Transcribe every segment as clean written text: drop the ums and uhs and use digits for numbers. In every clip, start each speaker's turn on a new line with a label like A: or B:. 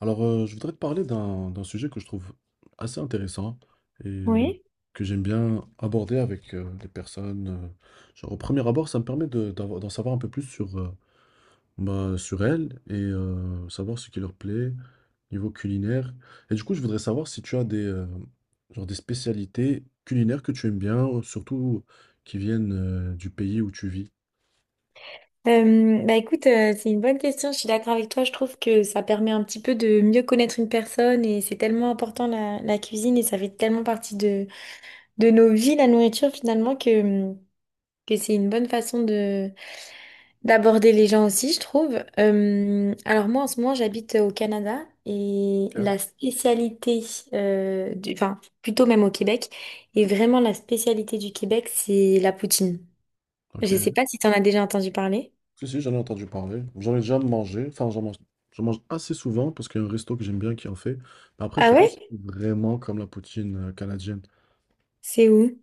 A: Je voudrais te parler d'un sujet que je trouve assez intéressant et
B: Oui.
A: que j'aime bien aborder avec des personnes. Au premier abord, ça me permet d'en savoir un peu plus sur, sur elles et savoir ce qui leur plaît, niveau culinaire. Et du coup, je voudrais savoir si tu as des, des spécialités culinaires que tu aimes bien, surtout qui viennent du pays où tu vis.
B: Bah écoute, c'est une bonne question. Je suis d'accord avec toi. Je trouve que ça permet un petit peu de mieux connaître une personne et c'est tellement important la cuisine et ça fait tellement partie de nos vies, la nourriture finalement, que c'est une bonne façon de d'aborder les gens aussi, je trouve. Alors moi, en ce moment, j'habite au Canada et
A: Ok.
B: la spécialité, du, enfin plutôt même au Québec, et vraiment la spécialité du Québec, c'est la poutine.
A: Ok.
B: Je sais pas si tu en as déjà entendu parler.
A: Si, si, j'en ai entendu parler. J'en ai déjà mangé. Enfin, j'en mange assez souvent parce qu'il y a un resto que j'aime bien qui en fait. Mais après, je
B: Ah
A: sais pas si
B: ouais?
A: c'est vraiment comme la poutine canadienne.
B: C'est où?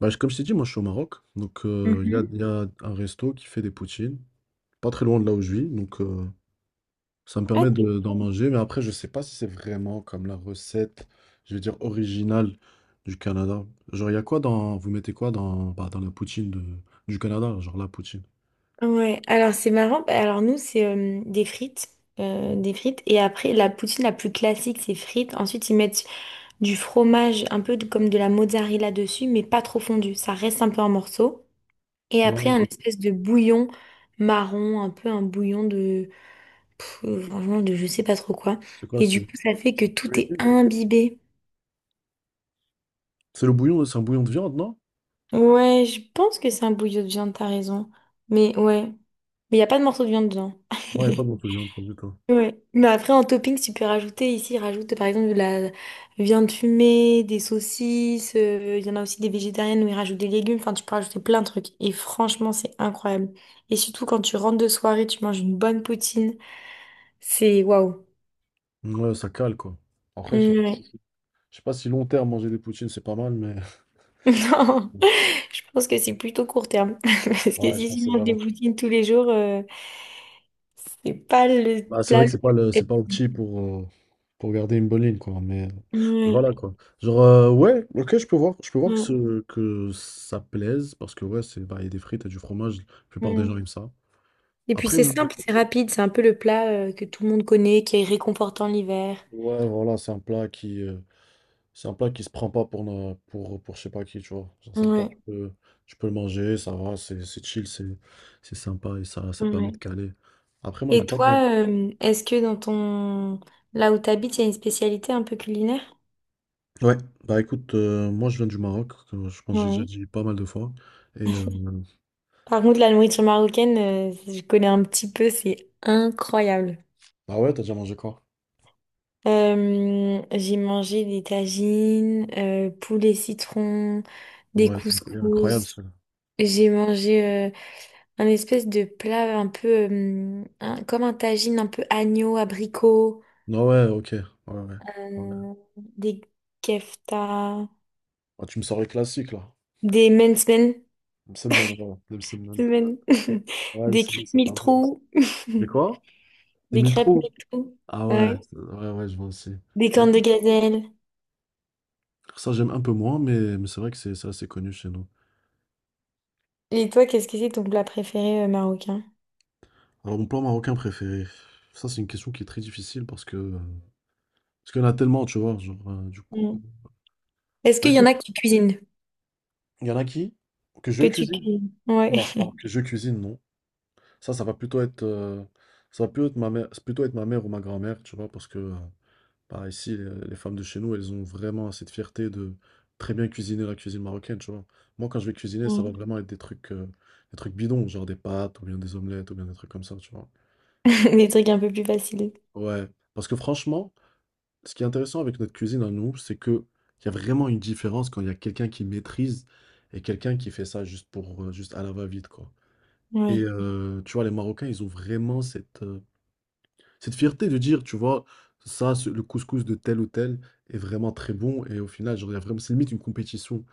A: Bah, comme je t'ai dit, moi, je suis au Maroc. Donc,
B: Mhm.
A: il y a un resto qui fait des poutines. Pas très loin de là où je vis. Donc, ça me
B: Ah,
A: permet
B: c'est
A: d'en
B: bon.
A: manger. Mais après, je sais pas si c'est vraiment comme la recette, je vais dire, originale du Canada. Genre, il y a quoi dans... Vous mettez quoi dans, bah, dans la du Canada? Genre, la poutine.
B: Ouais, alors c'est marrant. Bah, alors nous, c'est des frites. Des frites. Et après, la poutine la plus classique, c'est frites. Ensuite, ils mettent du fromage, comme de la mozzarella dessus, mais pas trop fondu. Ça reste un peu en morceaux. Et après,
A: Ouais,
B: un
A: ok.
B: espèce de bouillon marron, un peu un bouillon de... franchement, de je sais pas trop quoi. Et du
A: C'est...
B: coup, ça fait que tout est imbibé.
A: C'est le bouillon, c'est un bouillon de viande, non?
B: Ouais, je pense que c'est un bouillon de viande, t'as raison. Mais ouais. Mais il n'y a pas de morceau de viande dedans.
A: Ouais, il n'y a pas de morceau de viande, pas du tout.
B: Ouais. Mais après, en topping, tu peux rajouter ici, rajoute par exemple de la viande fumée, des saucisses. Il y en a aussi des végétariennes où ils rajoutent des légumes. Enfin, tu peux rajouter plein de trucs. Et franchement, c'est incroyable. Et surtout, quand tu rentres de soirée, tu manges une bonne poutine. C'est waouh.
A: Ouais, ça cale, quoi. Après, je sais pas si
B: Ouais.
A: Je sais pas si long terme, manger des poutines, c'est pas mal, mais...
B: Non, je pense que c'est plutôt court terme. Parce que
A: Ouais, je
B: si
A: pense que
B: tu
A: c'est
B: manges des
A: vraiment.
B: poutines tous les jours, c'est pas le
A: Bah, c'est vrai
B: plat.
A: que
B: le
A: c'est pas
B: plus-
A: opti pour garder une bonne ligne, quoi. Mais
B: Ouais,
A: voilà, quoi. Ouais, ok, je peux voir
B: ouais,
A: que ça plaise, parce que, ouais, c'est, bah, il y a des frites et du fromage, la plupart des
B: ouais.
A: gens aiment ça.
B: Et puis
A: Après,
B: c'est
A: m-
B: simple, c'est rapide, c'est un peu le plat que tout le monde connaît, qui est réconfortant l'hiver.
A: ouais, voilà, c'est un plat qui se prend pas pour je sais pas qui, tu vois. Genre, c'est un plat que
B: Ouais,
A: tu peux le manger, ça va, c'est chill, c'est sympa et ça permet de
B: ouais.
A: caler. Après, moi, je
B: Et
A: vais pas.
B: toi, est-ce que dans ton... là où tu habites, il y a une spécialité un peu culinaire?
A: Ouais, bah écoute, moi je viens du Maroc, comme je pense que j'ai déjà
B: Ouais.
A: dit pas mal de fois et
B: Par contre, la nourriture marocaine, je connais un petit peu, c'est incroyable.
A: Ah ouais, t'as déjà mangé quoi?
B: J'ai mangé des tagines, poulet citron, des
A: Ouais, c'est incroya incroyable
B: couscous.
A: ça.
B: J'ai mangé un espèce de plat un peu comme un tagine un peu agneau, abricot.
A: Non, ouais, OK, ouais, ouais, ouais.
B: Des kefta,
A: Ah, tu me sors les classiques là.
B: des mensmen,
A: Les msemen, voilà, les msemen.
B: men-
A: Ouais, les
B: des
A: msemen,
B: crêpes
A: c'est pas
B: mille
A: mal.
B: trous,
A: Les quoi? Les
B: des
A: mille
B: crêpes
A: trous.
B: mille trous,
A: Ah ouais,
B: ouais.
A: c'est ouais, ouais, je vois aussi.
B: Des
A: Bah
B: cornes de
A: écoute,
B: gazelle.
A: ça j'aime un peu moins, mais c'est vrai que c'est assez connu chez nous.
B: Et toi, qu'est-ce que c'est ton plat préféré marocain?
A: Alors mon plat marocain préféré, ça c'est une question qui est très difficile parce que, parce qu'il y en a tellement, tu vois? Du coup,
B: Mm. Est-ce
A: bah
B: qu'il y en
A: écoute.
B: a que tu cuisines?
A: Il y en a qui? Que je
B: Que tu
A: cuisine?
B: cuisines? Ouais.
A: Non, pardon, que je cuisine, non. Ça, ça va plutôt être, euh, Ça va plutôt être ma mère, c'est plutôt être ma mère ou ma grand-mère, tu vois, parce que ici, les femmes de chez nous, elles ont vraiment cette fierté de très bien cuisiner la cuisine marocaine, tu vois. Moi, quand je vais cuisiner, ça va
B: Mm.
A: vraiment être des trucs bidons, genre des pâtes ou bien des omelettes ou bien des trucs comme ça, tu vois.
B: Des trucs un peu plus faciles.
A: Ouais, parce que franchement, ce qui est intéressant avec notre cuisine à nous, c'est que il y a vraiment une différence quand il y a quelqu'un qui maîtrise et quelqu'un qui fait ça juste pour, juste à la va-vite, quoi. Et
B: Oui,
A: tu vois, les Marocains, ils ont vraiment cette fierté de dire, tu vois, le couscous de tel ou tel est vraiment très bon. Et au final, genre, il y a vraiment, c'est limite une compétition.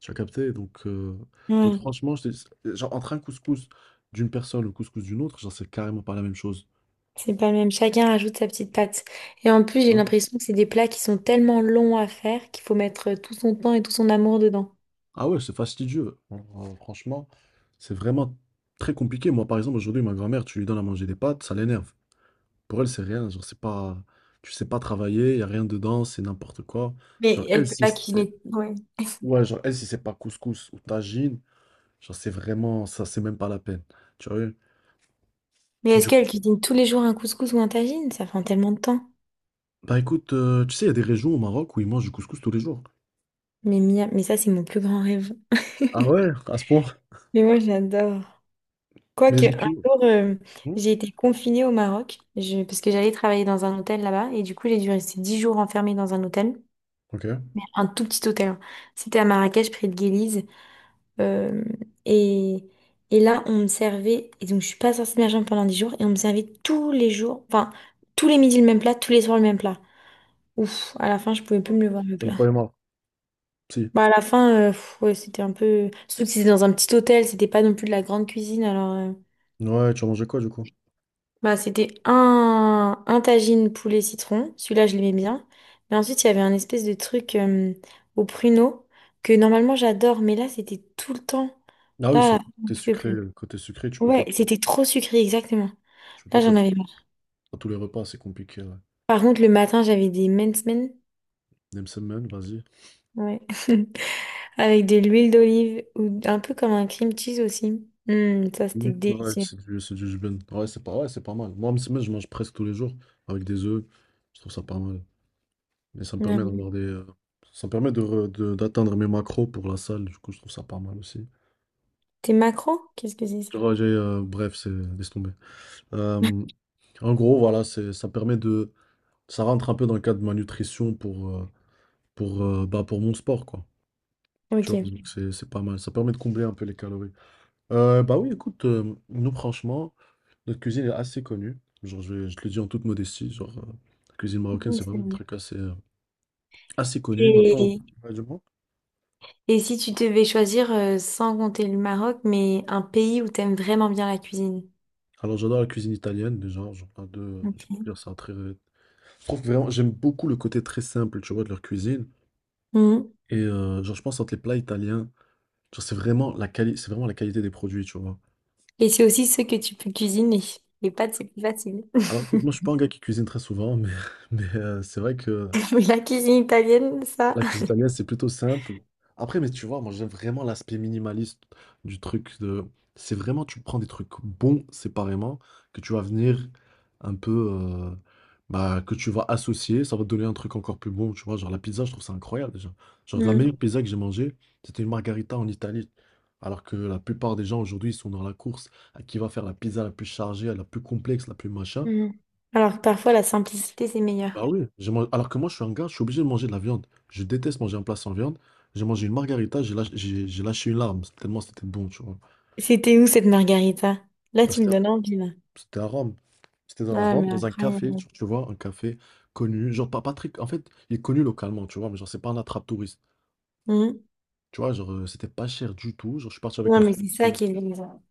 A: Tu as capté? Donc
B: oui,
A: franchement, je te dis- genre, entre un couscous d'une personne et le couscous d'une autre, genre, c'est carrément pas la même chose.
B: c'est pas le même. Chacun rajoute sa petite patte. Et en plus, j'ai
A: Ouais.
B: l'impression que c'est des plats qui sont tellement longs à faire qu'il faut mettre tout son temps et tout son amour dedans.
A: Ah ouais, c'est fastidieux. Alors, franchement, c'est vraiment très compliqué. Moi, par exemple, aujourd'hui, ma grand-mère, tu lui donnes à manger des pâtes, ça l'énerve. Pour elle, c'est rien. Genre, c'est pas, tu sais pas travailler, il y a rien dedans, c'est n'importe quoi.
B: Mais
A: Genre, elle,
B: elle peut pas
A: si-
B: cuisiner. Ouais.
A: Ouais, genre, elle, si c'est pas couscous ou tagine, genre, c'est vraiment, ça, c'est même pas la peine. Tu vois?
B: Mais est-ce
A: Du
B: qu'elle
A: coup,
B: cuisine tous les jours un couscous ou un tagine? Ça prend tellement de temps.
A: bah écoute, tu sais, il y a des régions au Maroc où ils mangent du couscous tous les jours.
B: Mais ça, c'est mon plus grand rêve.
A: Ah ouais, à ce point.
B: Mais moi, j'adore.
A: Mais
B: Quoique,
A: genre,
B: un
A: tu vois.
B: jour,
A: Hmm.
B: j'ai été confinée au Maroc parce que j'allais travailler dans un hôtel là-bas. Et du coup, j'ai dû rester 10 jours enfermée dans un hôtel.
A: Ok.
B: Un tout petit hôtel. Hein. C'était à Marrakech, près de Guéliz. Euh, et, et là, on me servait. Et donc, je suis pas sortie de ma chambre pendant 10 jours. Et on me servait tous les jours. Enfin, tous les midis le même plat, tous les soirs le même plat. Ouf, à la fin, je pouvais plus me le voir le
A: Tu n'as
B: plat.
A: pas les marre. Si.
B: Bah, à la fin, ouais, c'était un peu. Surtout que c'était dans un petit hôtel, c'était pas non plus de la grande cuisine.
A: Ouais, tu as mangé quoi, du coup?
B: Bah, c'était un tagine poulet citron. Celui-là, je l'aimais bien. Mais ensuite, il y avait un espèce de truc au pruneau que normalement j'adore, mais là, c'était tout le temps.
A: Ah oui,
B: Là, là,
A: sur
B: on
A: côté
B: pouvait
A: sucré,
B: plus.
A: tu peux pas,
B: Ouais, c'était trop sucré, exactement.
A: tu peux
B: Là,
A: pas te
B: j'en
A: le
B: avais marre.
A: à tous les repas, c'est compliqué, ouais.
B: Par contre, le matin, j'avais des mens men.
A: Nemsemen, vas-y.
B: Ouais. Avec de l'huile d'olive ou un peu comme un cream cheese aussi. Mm, ça, c'était
A: Ouais,
B: délicieux.
A: c'est du jbin. Ouais, c'est pas mal. Moi, msemen, je mange presque tous les jours avec des œufs. Je trouve ça pas mal. Mais ça me permet d'avoir des, ça me permet d'atteindre mes macros pour la salle. Du coup, je trouve ça pas mal aussi.
B: T'es macro? Qu'est-ce que c'est ça?
A: Bref, c'est, laisse tomber. Euh, voilà, ça permet de, ça rentre un peu dans le cadre de ma nutrition pour, pour mon sport, quoi. Tu vois,
B: Ok.
A: donc c'est pas mal. Ça permet de combler un peu les calories. Bah oui, écoute, nous, franchement, notre cuisine est assez connue. Je te le dis en toute modestie, la cuisine marocaine,
B: Mhm,
A: c'est
B: c'est
A: vraiment un
B: bon.
A: truc assez connu. Maintenant,
B: Et,
A: ouais, dis-moi.
B: et si tu devais choisir, sans compter le Maroc, mais un pays où t'aimes vraiment bien la cuisine?
A: Alors j'adore la cuisine italienne déjà, genre un deux, je peux
B: Ok.
A: dire ça très. Je trouve vraiment, j'aime beaucoup le côté très simple, tu vois, de leur cuisine.
B: Mhm.
A: Et genre je pense entre les plats italiens, genre c'est vraiment la qualité des produits, tu vois.
B: Et c'est aussi ce que tu peux cuisiner. Les pâtes, c'est plus facile.
A: Alors écoute, moi je suis pas un gars qui cuisine très souvent, mais mais c'est vrai que
B: Mais la cuisine italienne, ça.
A: la cuisine italienne, c'est plutôt simple. Après, mais tu vois, moi, j'aime vraiment l'aspect minimaliste du truc de... C'est vraiment, tu prends des trucs bons séparément, que tu vas venir un peu... que tu vas associer, ça va te donner un truc encore plus bon, tu vois. Genre, la pizza, je trouve ça incroyable, déjà. Genre, la
B: Mhm.
A: meilleure pizza que j'ai mangée, c'était une margarita en Italie. Alors que la plupart des gens, aujourd'hui, ils sont dans la course à qui va faire la pizza la plus chargée, la plus complexe, la plus machin.
B: Mhm. Alors que parfois la simplicité c'est meilleur.
A: Bah oui, alors que moi je suis un gars, je suis obligé de manger de la viande. Je déteste manger un plat sans viande. J'ai mangé une margarita, j'ai lâché une larme, tellement c'était bon, tu vois.
B: C'était où cette margarita? Là,
A: Mais
B: tu me
A: C'était à
B: donnes envie, là.
A: C'était à Rome. C'était dans la
B: Ah,
A: Rome,
B: mais
A: dans un café,
B: incroyable.
A: tu vois, un café connu. Genre, pas, Patrick. En fait, il est connu localement, tu vois, mais genre, c'est pas un attrape-touriste.
B: Mhm.
A: Tu vois, c'était pas cher du tout. Genre, je suis parti avec
B: Non,
A: mon
B: mais
A: frère.
B: c'est ça qui est bien.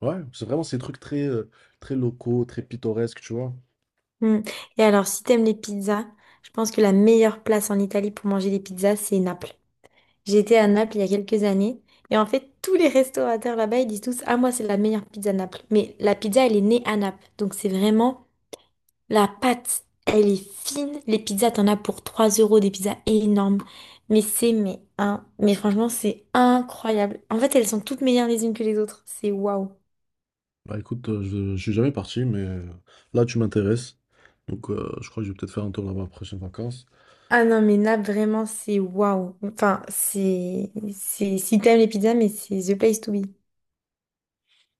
A: Ouais, c'est vraiment ces trucs très locaux, très pittoresques, tu vois.
B: Mm. Et alors, si t'aimes les pizzas, je pense que la meilleure place en Italie pour manger des pizzas, c'est Naples. J'étais à Naples il y a quelques années, et en fait, tous les restaurateurs là-bas, ils disent tous, ah, moi, c'est la meilleure pizza Naples. Mais la pizza, elle est née à Naples, donc c'est vraiment la pâte, elle est fine. Les pizzas, t'en as pour 3 euros, des pizzas énormes. Mais franchement, c'est incroyable. En fait, elles sont toutes meilleures les unes que les autres. C'est waouh.
A: Bah écoute, je suis jamais parti, mais là, tu m'intéresses. Donc, je crois que je vais peut-être faire un tour là-bas après prochaine vacances.
B: Ah non, mais là, vraiment, c'est waouh. Enfin, si t'aimes les pizzas, mais c'est the place to be.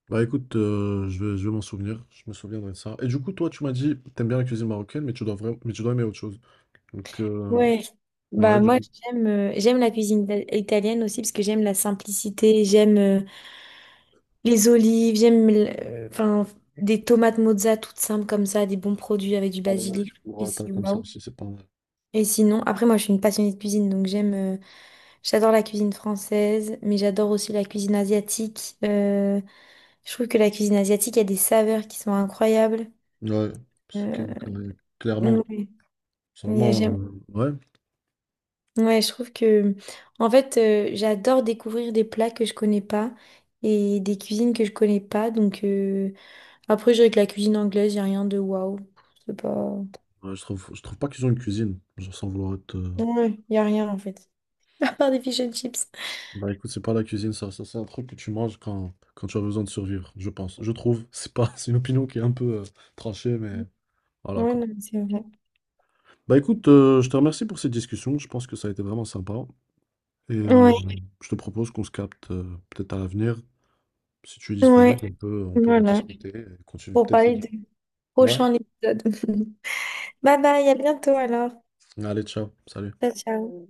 A: Bah écoute, je vais m'en souvenir, je me souviendrai de ça. Et du coup, toi, tu m'as dit, t'aimes bien la cuisine marocaine, mais tu dois aimer autre chose. Donc,
B: Ouais.
A: ouais,
B: Bah,
A: du
B: moi,
A: coup,
B: j'aime la cuisine italienne aussi parce que j'aime la simplicité, j'aime les olives, enfin, des tomates mozza toutes simples comme ça, des bons produits avec du basilic. Je trouve que
A: burrata
B: c'est
A: comme ça
B: waouh.
A: aussi, c'est pas mal.
B: Et sinon, après, moi, je suis une passionnée de cuisine, donc j'adore la cuisine française, mais j'adore aussi la cuisine asiatique. Je trouve que la cuisine asiatique, il y a des saveurs qui sont incroyables.
A: Ouais, parce que,
B: Euh,
A: clairement,
B: ouais,
A: c'est
B: il y a-
A: vraiment,
B: j'aime-
A: euh, ouais,
B: ouais, je trouve que, en fait, j'adore découvrir des plats que je connais pas et des cuisines que je connais pas. Après, je dirais que la cuisine anglaise, il n'y a rien de waouh. C'est pas.
A: ouais, je trouve pas qu'ils ont une cuisine, genre sans vouloir être.
B: Ouais, il n'y a rien, en fait. À part des fish and chips.
A: Bah écoute, c'est pas la cuisine, ça c'est un truc que tu manges quand tu as besoin de survivre, je pense. Je trouve, c'est pas, c'est une opinion qui est un peu tranchée, mais voilà
B: Ouais,
A: quoi.
B: non, c'est vrai.
A: Bah écoute, je te remercie pour cette discussion, je pense que ça a été vraiment sympa. Et
B: Ouais,
A: oui, je te propose qu'on se capte peut-être à l'avenir. Si tu es
B: ouais.
A: disponible, on peut
B: Voilà,
A: rediscuter et continuer
B: pour
A: peut-être ces
B: parler
A: discussions.
B: du
A: Ouais,
B: prochain épisode. Bye bye, à bientôt alors.
A: allez, ciao, salut.
B: Ciao, ciao.